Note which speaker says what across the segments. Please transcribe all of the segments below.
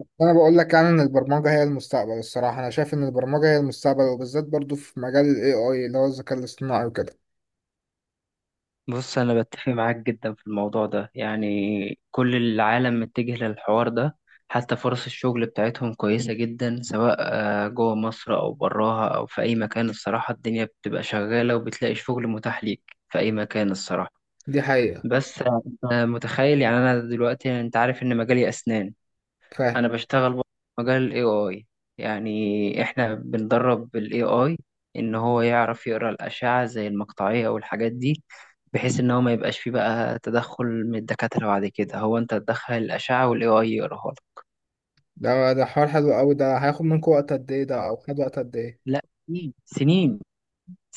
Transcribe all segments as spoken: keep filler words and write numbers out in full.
Speaker 1: انا بقول لك يعني ان البرمجه هي المستقبل. الصراحه انا شايف ان البرمجه هي المستقبل، وبالذات برضو في مجال الاي اي اللي هو الذكاء الاصطناعي وكده.
Speaker 2: بص، أنا بتفق معاك جدا في الموضوع ده. يعني كل العالم متجه للحوار ده. حتى فرص الشغل بتاعتهم كويسة جدا، سواء آه، جوه مصر أو براها أو في أي مكان، الصراحة. الدنيا بتبقى شغالة وبتلاقي شغل متاح ليك في أي مكان، الصراحة.
Speaker 1: دي حقيقة.
Speaker 2: بس آه، أنت متخيل؟ يعني أنا دلوقتي أنت عارف إن مجالي أسنان.
Speaker 1: فاهم.
Speaker 2: انا بشتغل برضه في مجال الاي اي. يعني احنا بندرب الاي اي ان هو يعرف يقرا الاشعه زي المقطعيه والحاجات دي. بحيث ان هو ما يبقاش فيه بقى تدخل من الدكاتره، بعد كده هو انت تدخل الاشعه والاي اي يقراها لك.
Speaker 1: ده ده حوار حلو قوي. ده هياخد منكم وقت قد ايه؟ ده او خد وقت قد ايه؟
Speaker 2: لا، سنين سنين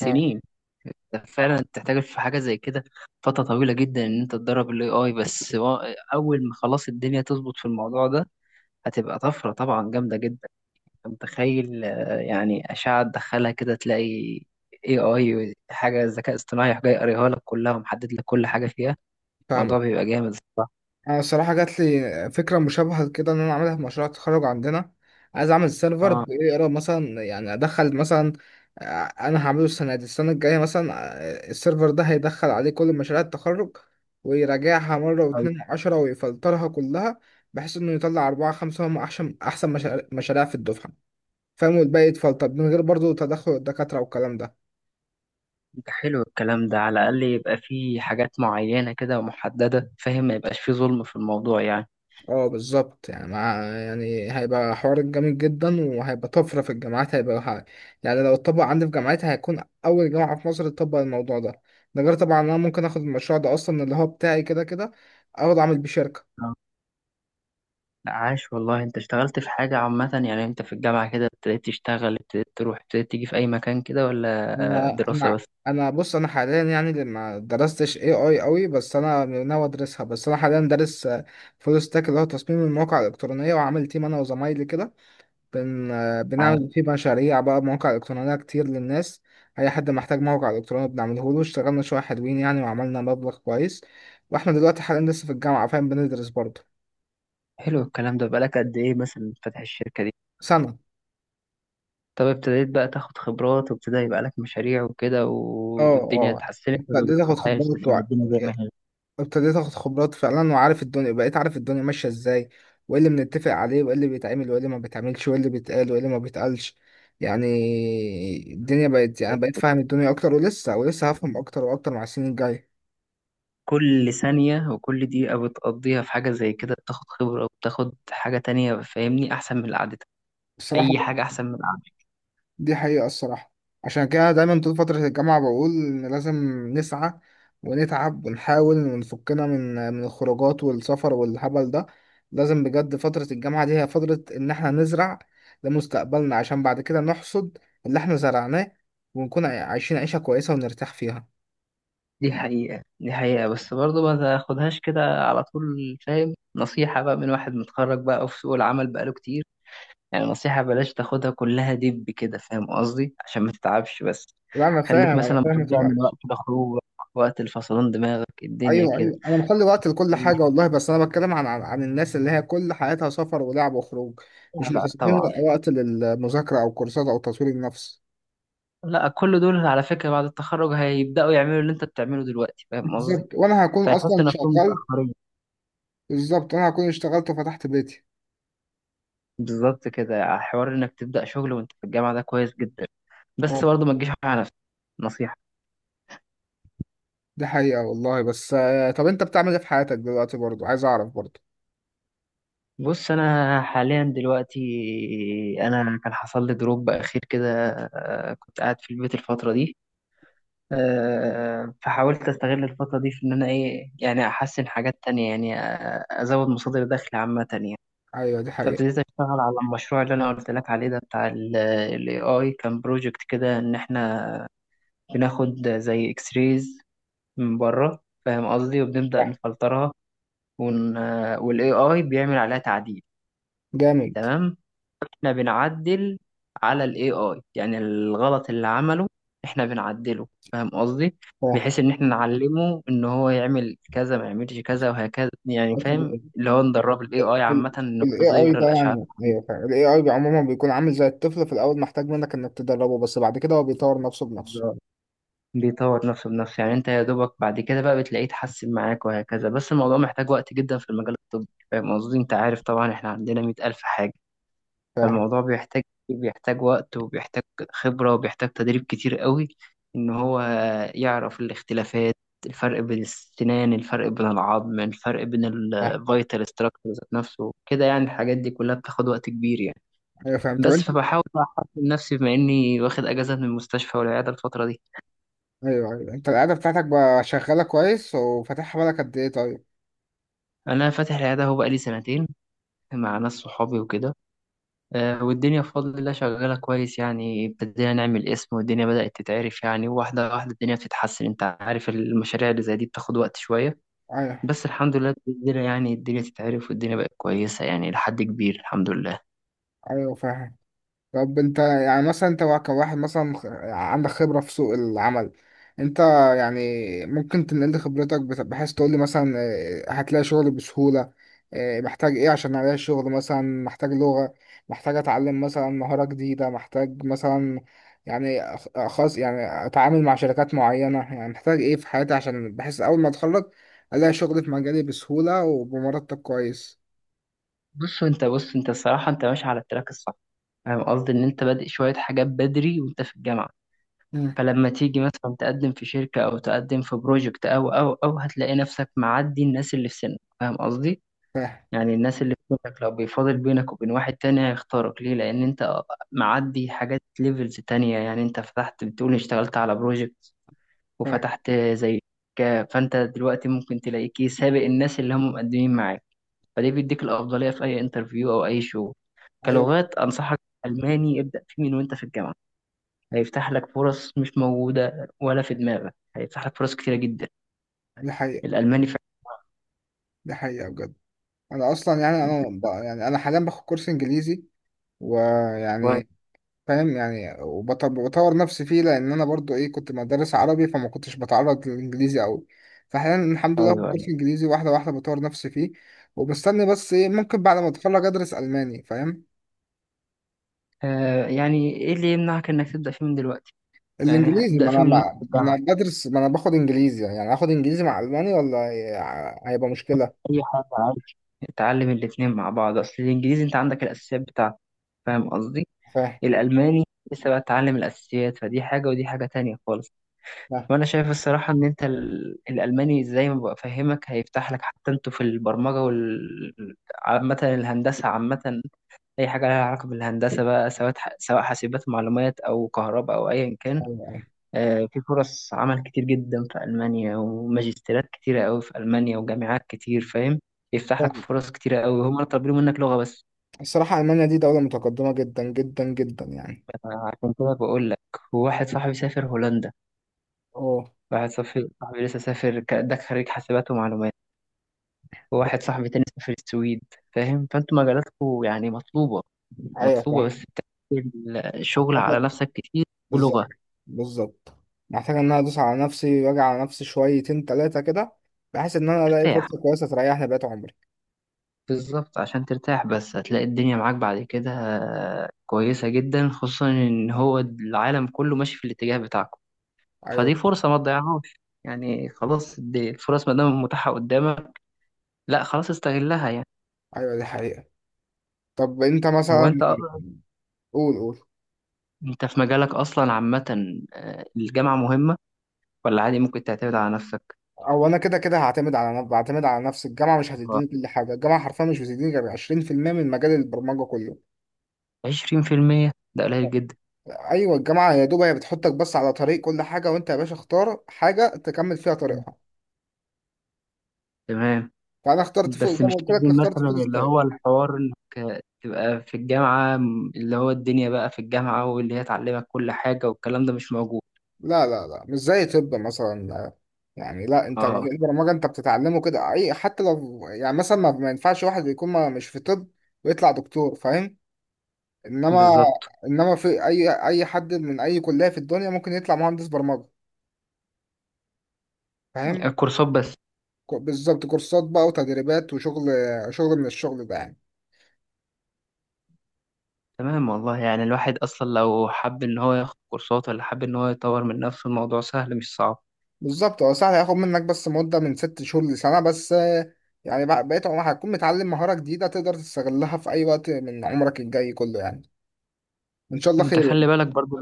Speaker 1: اه،
Speaker 2: ده فعلا تحتاج في حاجه زي كده فتره طويله جدا ان انت تدرب الاي اي بس و- اول ما خلاص الدنيا تظبط في الموضوع ده هتبقى طفره طبعا جامده جدا. متخيل؟ آه، يعني أشعة تدخلها كده تلاقي إيه آي، حاجة ذكاء اصطناعي يروح جاي قاريها لك كلها ومحدد لك كل حاجة فيها. الموضوع
Speaker 1: فاهمك.
Speaker 2: بيبقى جامد، الصراحة.
Speaker 1: انا الصراحه جات لي فكره مشابهه كده ان انا اعملها في مشروع التخرج عندنا. عايز اعمل سيرفر
Speaker 2: اه،
Speaker 1: بيقرا مثلا، يعني ادخل مثلا. آه، انا هعمله السنه دي، السنه الجايه مثلا. آه، السيرفر ده هيدخل عليه كل مشاريع التخرج ويراجعها مره
Speaker 2: طيب.
Speaker 1: واتنين وعشرة ويفلترها كلها، بحيث انه يطلع اربعه خمسه هم احسن احسن مشاريع مشاريع في الدفعه، فاهم، والباقي يتفلتر من غير برضو تدخل الدكاتره والكلام ده.
Speaker 2: ده حلو الكلام ده، على الأقل يبقى فيه حاجات معينة كده ومحددة، فاهم؟ ما يبقاش فيه ظلم في الموضوع يعني.
Speaker 1: اه بالظبط، يعني مع يعني هيبقى حوار جامد جدا، وهيبقى طفرة في الجامعات، هيبقى ح- يعني لو اتطبق عندي في جامعتي هيكون أول جامعة في مصر تطبق الموضوع ده. ده غير طبعا أنا ممكن آخد المشروع ده أصلا اللي هو بتاعي كده كده، أقعد أعمل بيه شركة.
Speaker 2: آه. لا، عاش والله. انت اشتغلت في حاجة عامة؟ يعني انت في الجامعة كده ابتديت تشتغل، ابتديت تروح ابتديت تيجي في أي مكان كده ولا آه،
Speaker 1: أنا
Speaker 2: دراسة
Speaker 1: أنا
Speaker 2: بس؟
Speaker 1: أنا، بص، أنا حاليا يعني اللي ما درستش إيه آي أوي، بس أنا ناوي أدرسها. بس أنا حاليا دارس فول ستاك اللي هو تصميم المواقع الإلكترونية، وعامل تيم أنا وزمايلي كده. بن...
Speaker 2: عاش.
Speaker 1: بنعمل فيه مشاريع بقى، مواقع إلكترونية كتير للناس. أي حد محتاج موقع إلكتروني بنعمله له. اشتغلنا شوية حلوين يعني، وعملنا مبلغ كويس، وإحنا دلوقتي حاليا لسه في الجامعة، فاهم، بندرس برضه.
Speaker 2: حلو الكلام ده. بقالك قد إيه مثلا فاتح الشركة دي؟
Speaker 1: سنة.
Speaker 2: طب ابتديت بقى تاخد خبرات وابتدى يبقى لك مشاريع وكده
Speaker 1: اه،
Speaker 2: و- والدنيا
Speaker 1: اه،
Speaker 2: اتحسنت ولا
Speaker 1: ابتديت
Speaker 2: لسه
Speaker 1: اخد
Speaker 2: حاسس
Speaker 1: خبرات
Speaker 2: ان
Speaker 1: وع...
Speaker 2: الدنيا زي ما هي؟
Speaker 1: ابتديت اخد خبرات فعلا، وعارف الدنيا، بقيت عارف الدنيا ماشية ازاي، وايه اللي بنتفق عليه وايه اللي بيتعمل وايه اللي ما بيتعملش وايه اللي بيتقال وايه اللي ما بيتقالش، يعني. الدنيا بقت، يعني بقيت فاهم الدنيا اكتر، ولسه ولسه هفهم اكتر واكتر مع السنين الجاية.
Speaker 2: كل ثانية وكل دقيقة بتقضيها في حاجة زي كده بتاخد خبرة وبتاخد حاجة تانية، فاهمني؟ أحسن من اللي عادتها.
Speaker 1: الصراحة،
Speaker 2: أي حاجة أحسن من العادة.
Speaker 1: دي حقيقة الصراحة. عشان كده دايما طول فترة الجامعة بقول إن لازم نسعى ونتعب ونحاول ونفكنا من من الخروجات والسفر والهبل ده. لازم بجد فترة الجامعة دي هي فترة إن إحنا نزرع لمستقبلنا، عشان بعد كده نحصد اللي إحنا زرعناه، ونكون عايشين عيشة كويسة ونرتاح فيها.
Speaker 2: دي حقيقة، دي حقيقة. بس برضه ما تاخدهاش كده على طول، فاهم؟ نصيحة بقى من واحد متخرج بقى وفي سوق العمل بقاله كتير. يعني نصيحة، بلاش تاخدها كلها دب كده، فاهم قصدي؟ عشان ما تتعبش بس.
Speaker 1: لا، أنا
Speaker 2: خليك
Speaker 1: فاهم، أنا
Speaker 2: مثلا
Speaker 1: فاهم، ما
Speaker 2: بتضيع من وقت
Speaker 1: تقلقش.
Speaker 2: لخروج، وقت الفصلان دماغك الدنيا
Speaker 1: ايوه،
Speaker 2: كده.
Speaker 1: ايوه، انا مخلي وقت لكل
Speaker 2: ومش-
Speaker 1: حاجه والله، بس انا بتكلم عن عن, عن الناس اللي هي كل حياتها سفر ولعب وخروج، مش
Speaker 2: لا
Speaker 1: مخصصين
Speaker 2: طبعا.
Speaker 1: وق- وقت للمذاكره او كورسات او تطوير النفس.
Speaker 2: لا، كل دول على فكرة بعد التخرج هيبدأوا يعملوا اللي انت بتعمله دلوقتي، فاهم قصدي؟
Speaker 1: بالظبط، وانا هكون اصلا
Speaker 2: فيحسوا نفسهم
Speaker 1: شغال.
Speaker 2: متأخرين.
Speaker 1: بالظبط، انا هكون اشتغلت وفتحت بيتي.
Speaker 2: بالظبط، كده حوار انك تبدأ شغل وانت في الجامعة ده كويس جدا.
Speaker 1: اه
Speaker 2: بس برضه ما تجيش على نفسك، نصيحة.
Speaker 1: دي حقيقه والله. بس آه، طب انت بتعمل ايه في حياتك دلوقتي برضو؟ عايز اعرف برضو.
Speaker 2: بص، انا حاليا دلوقتي انا كان حصل لي دروب اخير كده. آه، كنت قاعد في البيت الفتره دي. آه، فحاولت استغل الفتره دي في ان انا ايه يعني احسن حاجات تانية، يعني آه، ازود مصادر دخل عامه يعني.
Speaker 1: ايوه دي حقيقه.
Speaker 2: فابتديت اشتغل على المشروع اللي انا قلت لك عليه ده، بتاع الاي اي. كان بروجكت كده ان احنا بناخد زي اكس ريز من بره، فاهم قصدي؟ وبنبدا
Speaker 1: صح.
Speaker 2: نفلترها ون... والاي اي بيعمل عليها تعديل.
Speaker 1: جامد.
Speaker 2: تمام، احنا بنعدل على الاي اي، يعني الغلط اللي عمله احنا بنعدله، فاهم قصدي؟
Speaker 1: صح.
Speaker 2: بحيث ان احنا نعلمه ان هو يعمل كذا ما يعملش كذا وهكذا، يعني
Speaker 1: بس
Speaker 2: فاهم؟
Speaker 1: ال
Speaker 2: اللي هو ندرب الاي اي عامه ان هو
Speaker 1: ال
Speaker 2: ازاي
Speaker 1: إيه آي
Speaker 2: يقرا
Speaker 1: ده،
Speaker 2: الاشعات.
Speaker 1: يعني ايوه فعلا ال اي اي عموما بيكون عامل زي الطفل في الاول، محتاج منك انك تدربه، بس بعد كده هو بيطور نفسه بنفسه.
Speaker 2: بالظبط. بيطور نفسه بنفسه، يعني انت يا دوبك بعد كده بقى بتلاقيه يتحسن معاك وهكذا. بس الموضوع محتاج وقت جدا في المجال الطبي، فاهم قصدي؟ انت عارف طبعا احنا عندنا مية ألف حاجه. فالموضوع بيحتاج بيحتاج وقت وبيحتاج خبرة وبيحتاج تدريب كتير قوي، إن هو يعرف الاختلافات. الفرق بين السنان، الفرق بين العظم، الفرق بين
Speaker 1: فاهم.
Speaker 2: الفيتال ستراكشر ذات نفسه كده، يعني الحاجات دي كلها بتاخد وقت كبير يعني.
Speaker 1: ايوه فاهم. طب
Speaker 2: بس
Speaker 1: انت؟
Speaker 2: فبحاول بقى أحسن نفسي، بما إني واخد أجازة من المستشفى والعيادة الفترة دي.
Speaker 1: ايوه، ايوه، انت القعده بتاعتك بقى شغاله كويس، وفاتحها بالك قد ايه؟ طيب.
Speaker 2: أنا فاتح العيادة هو بقالي سنتين، مع ناس صحابي وكده. آه، والدنيا بفضل الله شغالة كويس، يعني ابتدينا نعمل اسم والدنيا بدأت تتعرف، يعني واحدة واحدة الدنيا بتتحسن. انت عارف المشاريع اللي زي دي بتاخد وقت شوية.
Speaker 1: ايوه،
Speaker 2: بس الحمد لله الدنيا يعني الدنيا تتعرف، والدنيا بقت كويس يعني لحد كبير، الحمد لله.
Speaker 1: ايوه. فاهم. طب انت يعني مثلا، انت وا- كواحد مثلا خ- عندك خبرة في سوق العمل. انت يعني ممكن تنقل لي خبرتك بت- بحيث تقول لي مثلا اه، هتلاقي شغل بسهولة. اه، محتاج ايه عشان الاقي شغل؟ مثلا محتاج لغة، محتاج اتعلم مثلا مهارة جديدة، محتاج مثلا، يعني أخ- خاص، يعني اتعامل مع شركات معينة. يعني محتاج ايه في حياتي عشان بحيث اول ما اتخرج الاقي شغل في مجالي بسهولة وبمرتب كويس؟
Speaker 2: بص انت بص انت الصراحة انت ماشي على التراك الصح، فاهم قصدي؟ ان انت بادئ شوية حاجات بدري وانت في الجامعة.
Speaker 1: مم.
Speaker 2: فلما تيجي مثلا تقدم في شركة او تقدم في بروجكت او او او هتلاقي نفسك معدي الناس اللي في سنك، فاهم قصدي؟
Speaker 1: فاهم.
Speaker 2: يعني الناس اللي في بينك، لو بيفاضل بينك وبين واحد تاني هيختارك ليه؟ لأن أنت معدي حاجات ليفلز تانية، يعني أنت فتحت بتقول اشتغلت على بروجكت
Speaker 1: فاهم.
Speaker 2: وفتحت زي ك- فأنت دلوقتي ممكن تلاقيك إيه، سابق الناس اللي هم مقدمين معاك. فده بيديك الأفضلية في أي انترفيو أو أي شغل.
Speaker 1: ايوه
Speaker 2: كلغات أنصحك ألماني، ابدأ فيه من وأنت في الجامعة. هيفتح لك فرص مش موجودة ولا في دماغك، هيفتح لك فرص كتيرة جدا،
Speaker 1: دي حقيقة،
Speaker 2: الألماني فعلا.
Speaker 1: دي حقيقة بجد. انا اصلا يعني انا ب... يعني انا حاليا باخد كورس انجليزي ويعني،
Speaker 2: كويس.
Speaker 1: فاهم يعني، وبطور نفسي فيه، لان انا برضو ايه كنت مدرس عربي، فما كنتش بتعرض للانجليزي قوي. فحاليا الحمد لله باخد
Speaker 2: أيوه، أيوه.
Speaker 1: كورس انجليزي، واحده واحده بطور نفسي فيه، وبستني بس ايه ممكن بعد ما اتخرج ادرس الماني، فاهم.
Speaker 2: آه، يعني إيه اللي يمنعك إنك تبدأ فيه من دلوقتي؟ يعني
Speaker 1: الانجليزي،
Speaker 2: ابدأ
Speaker 1: ما
Speaker 2: فيه
Speaker 1: انا
Speaker 2: من وانت في
Speaker 1: ما ما
Speaker 2: الجامعة،
Speaker 1: انا بدرس، ما انا باخد انجليزي، يعني اخد انجليزي مع الماني، ولا هي- هيبقى مشكله؟
Speaker 2: أي حاجة عادي. اتعلم الاتنين مع بعض. أصل الإنجليزي أنت عندك الأساسيات بتاعته، فاهم قصدي؟
Speaker 1: فاهم.
Speaker 2: الألماني لسه بقى تتعلم الأساسيات، فدي حاجة ودي حاجة تانية خالص.
Speaker 1: فاهم.
Speaker 2: وأنا شايف الصراحة إن أنت ال- الألماني زي ما بفهمك هيفتح لك، حتى أنتوا في البرمجة وال عامة، الهندسة عامة. أي حاجة لها علاقة بالهندسة بقى، سواء سواء حاسبات معلومات أو كهرباء أو أيا كان.
Speaker 1: أيوة، أيوة.
Speaker 2: آه، في فرص عمل كتير جدا في ألمانيا، وماجستيرات كتيرة قوي في ألمانيا، وجامعات كتير، فاهم؟ يفتح لك
Speaker 1: فاهم.
Speaker 2: فرص كتيرة قوي، هما طالبين منك لغة بس.
Speaker 1: الصراحه المانيا دي دوله متقدمه جدا جدا جدا يعني.
Speaker 2: عشان كده بقول لك. وواحد صاحبي سافر هولندا،
Speaker 1: اه.
Speaker 2: واحد صاحبي صاحبي لسه سافر ك- ده خريج حاسبات ومعلومات، وواحد صاحبي تاني سافر السويد، فاهم؟ فانتوا مجالاتكم يعني مطلوبة،
Speaker 1: ايوه
Speaker 2: مطلوبة.
Speaker 1: صح.
Speaker 2: بس بتعمل شغل
Speaker 1: محتاجة.
Speaker 2: على نفسك كتير
Speaker 1: بالظبط.
Speaker 2: ولغة.
Speaker 1: بالظبط. محتاجة ان انا ادوس على نفسي واجي على نفسي شويتين تلاتة كده، بحيث ان انا الاقي
Speaker 2: ترتاح،
Speaker 1: فرصة كويسة تريحني بقيت عمري.
Speaker 2: بالظبط، عشان ترتاح. بس هتلاقي الدنيا معاك بعد كده كويسة جدا، خصوصا إن هو العالم كله ماشي في الاتجاه بتاعكم.
Speaker 1: ايوه،
Speaker 2: فدي فرصة ما تضيعهاش، يعني خلاص دي الفرص ما دام متاحة قدامك، لا خلاص استغلها يعني.
Speaker 1: ايوه، دي حقيقة. طب انت
Speaker 2: هو
Speaker 1: مثلا؟
Speaker 2: أنت أ-
Speaker 1: قول قول.
Speaker 2: أنت في مجالك أصلا عامة آه، الجامعة مهمة ولا عادي ممكن تعتمد على نفسك؟
Speaker 1: او انا كده كده هعتمد على نفسي، بعتمد على نفسي. الجامعة مش
Speaker 2: آه،
Speaker 1: هتديني كل حاجة، الجامعة حرفيا مش بتديني غير عشرين في المية من مجال البرمجة كله.
Speaker 2: عشرين في المية ده قليل جدا.
Speaker 1: ايوه، الجامعة يا دوب هي بتحطك بس على طريق كل حاجة، وانت يا باشا اختار حاجة تكمل فيها طريقها.
Speaker 2: تمام.
Speaker 1: فانا اخترت فوق
Speaker 2: بس
Speaker 1: زي
Speaker 2: مش
Speaker 1: ما قلت لك،
Speaker 2: لازم
Speaker 1: اخترت
Speaker 2: مثلا
Speaker 1: فوق.
Speaker 2: اللي هو الحوار انك تبقى في الجامعة م- اللي هو الدنيا بقى في الجامعة واللي هي تعلمك كل حاجة، والكلام ده مش موجود.
Speaker 1: لا، لا، لا، مش زي طب مثلا. يعني لا، انت
Speaker 2: اه،
Speaker 1: مجال البرمجه انت بتتعلمه كده اي، حتى لو يعني مثلا ما ما ينفعش واحد يكون ما مش في طب ويطلع دكتور، فاهم؟ انما
Speaker 2: بالظبط،
Speaker 1: انما في اي اي حد من اي كليه في الدنيا ممكن يطلع مهندس برمجه، فاهم؟
Speaker 2: كورسات بس.
Speaker 1: كو- بالظبط، كورسات بقى وتدريبات وشغل، شغل من الشغل ده يعني.
Speaker 2: تمام والله، يعني الواحد اصلا لو حب ان هو ياخد كورسات ولا حب ان هو يطور من نفسه، الموضوع سهل مش صعب.
Speaker 1: بالظبط هو سهل، هياخد منك بس مده من ست شهور لسنه، بس آه، يعني بقى- بقيت عمرك هتكون متعلم مهاره جديده تقدر تستغلها في اي وقت من عمرك الجاي كله يعني، ان شاء الله
Speaker 2: انت
Speaker 1: خير.
Speaker 2: خلي بالك برضو،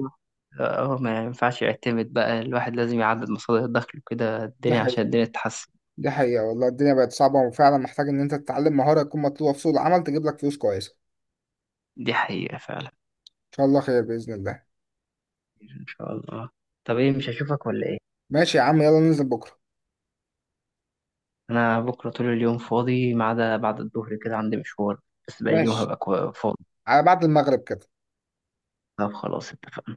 Speaker 2: اه، ما ينفعش يعتمد بقى. الواحد لازم يعدد مصادر دخله كده
Speaker 1: دي
Speaker 2: الدنيا، عشان
Speaker 1: حقيقة،
Speaker 2: الدنيا تتحسن.
Speaker 1: دي حقيقة والله، الدنيا بقت صعبة، وفعلا محتاج إن أنت تتعلم مهارة تكون مطلوبة في سوق العمل تجيب لك فلوس كويسة.
Speaker 2: دي حقيقة فعلا.
Speaker 1: إن شاء الله خير بإذن الله.
Speaker 2: ان شاء الله. طب ايه، مش هشوفك ولا ايه؟
Speaker 1: ماشي يا عم، يلا ننزل بكرة.
Speaker 2: انا بكره طول اليوم فاضي، ما عدا بعد الظهر كده عندي مشوار، بس باقي اليوم
Speaker 1: ماشي،
Speaker 2: هبقى كوا- فاضي.
Speaker 1: على بعد المغرب كده.
Speaker 2: طب خلاص، اتفقنا.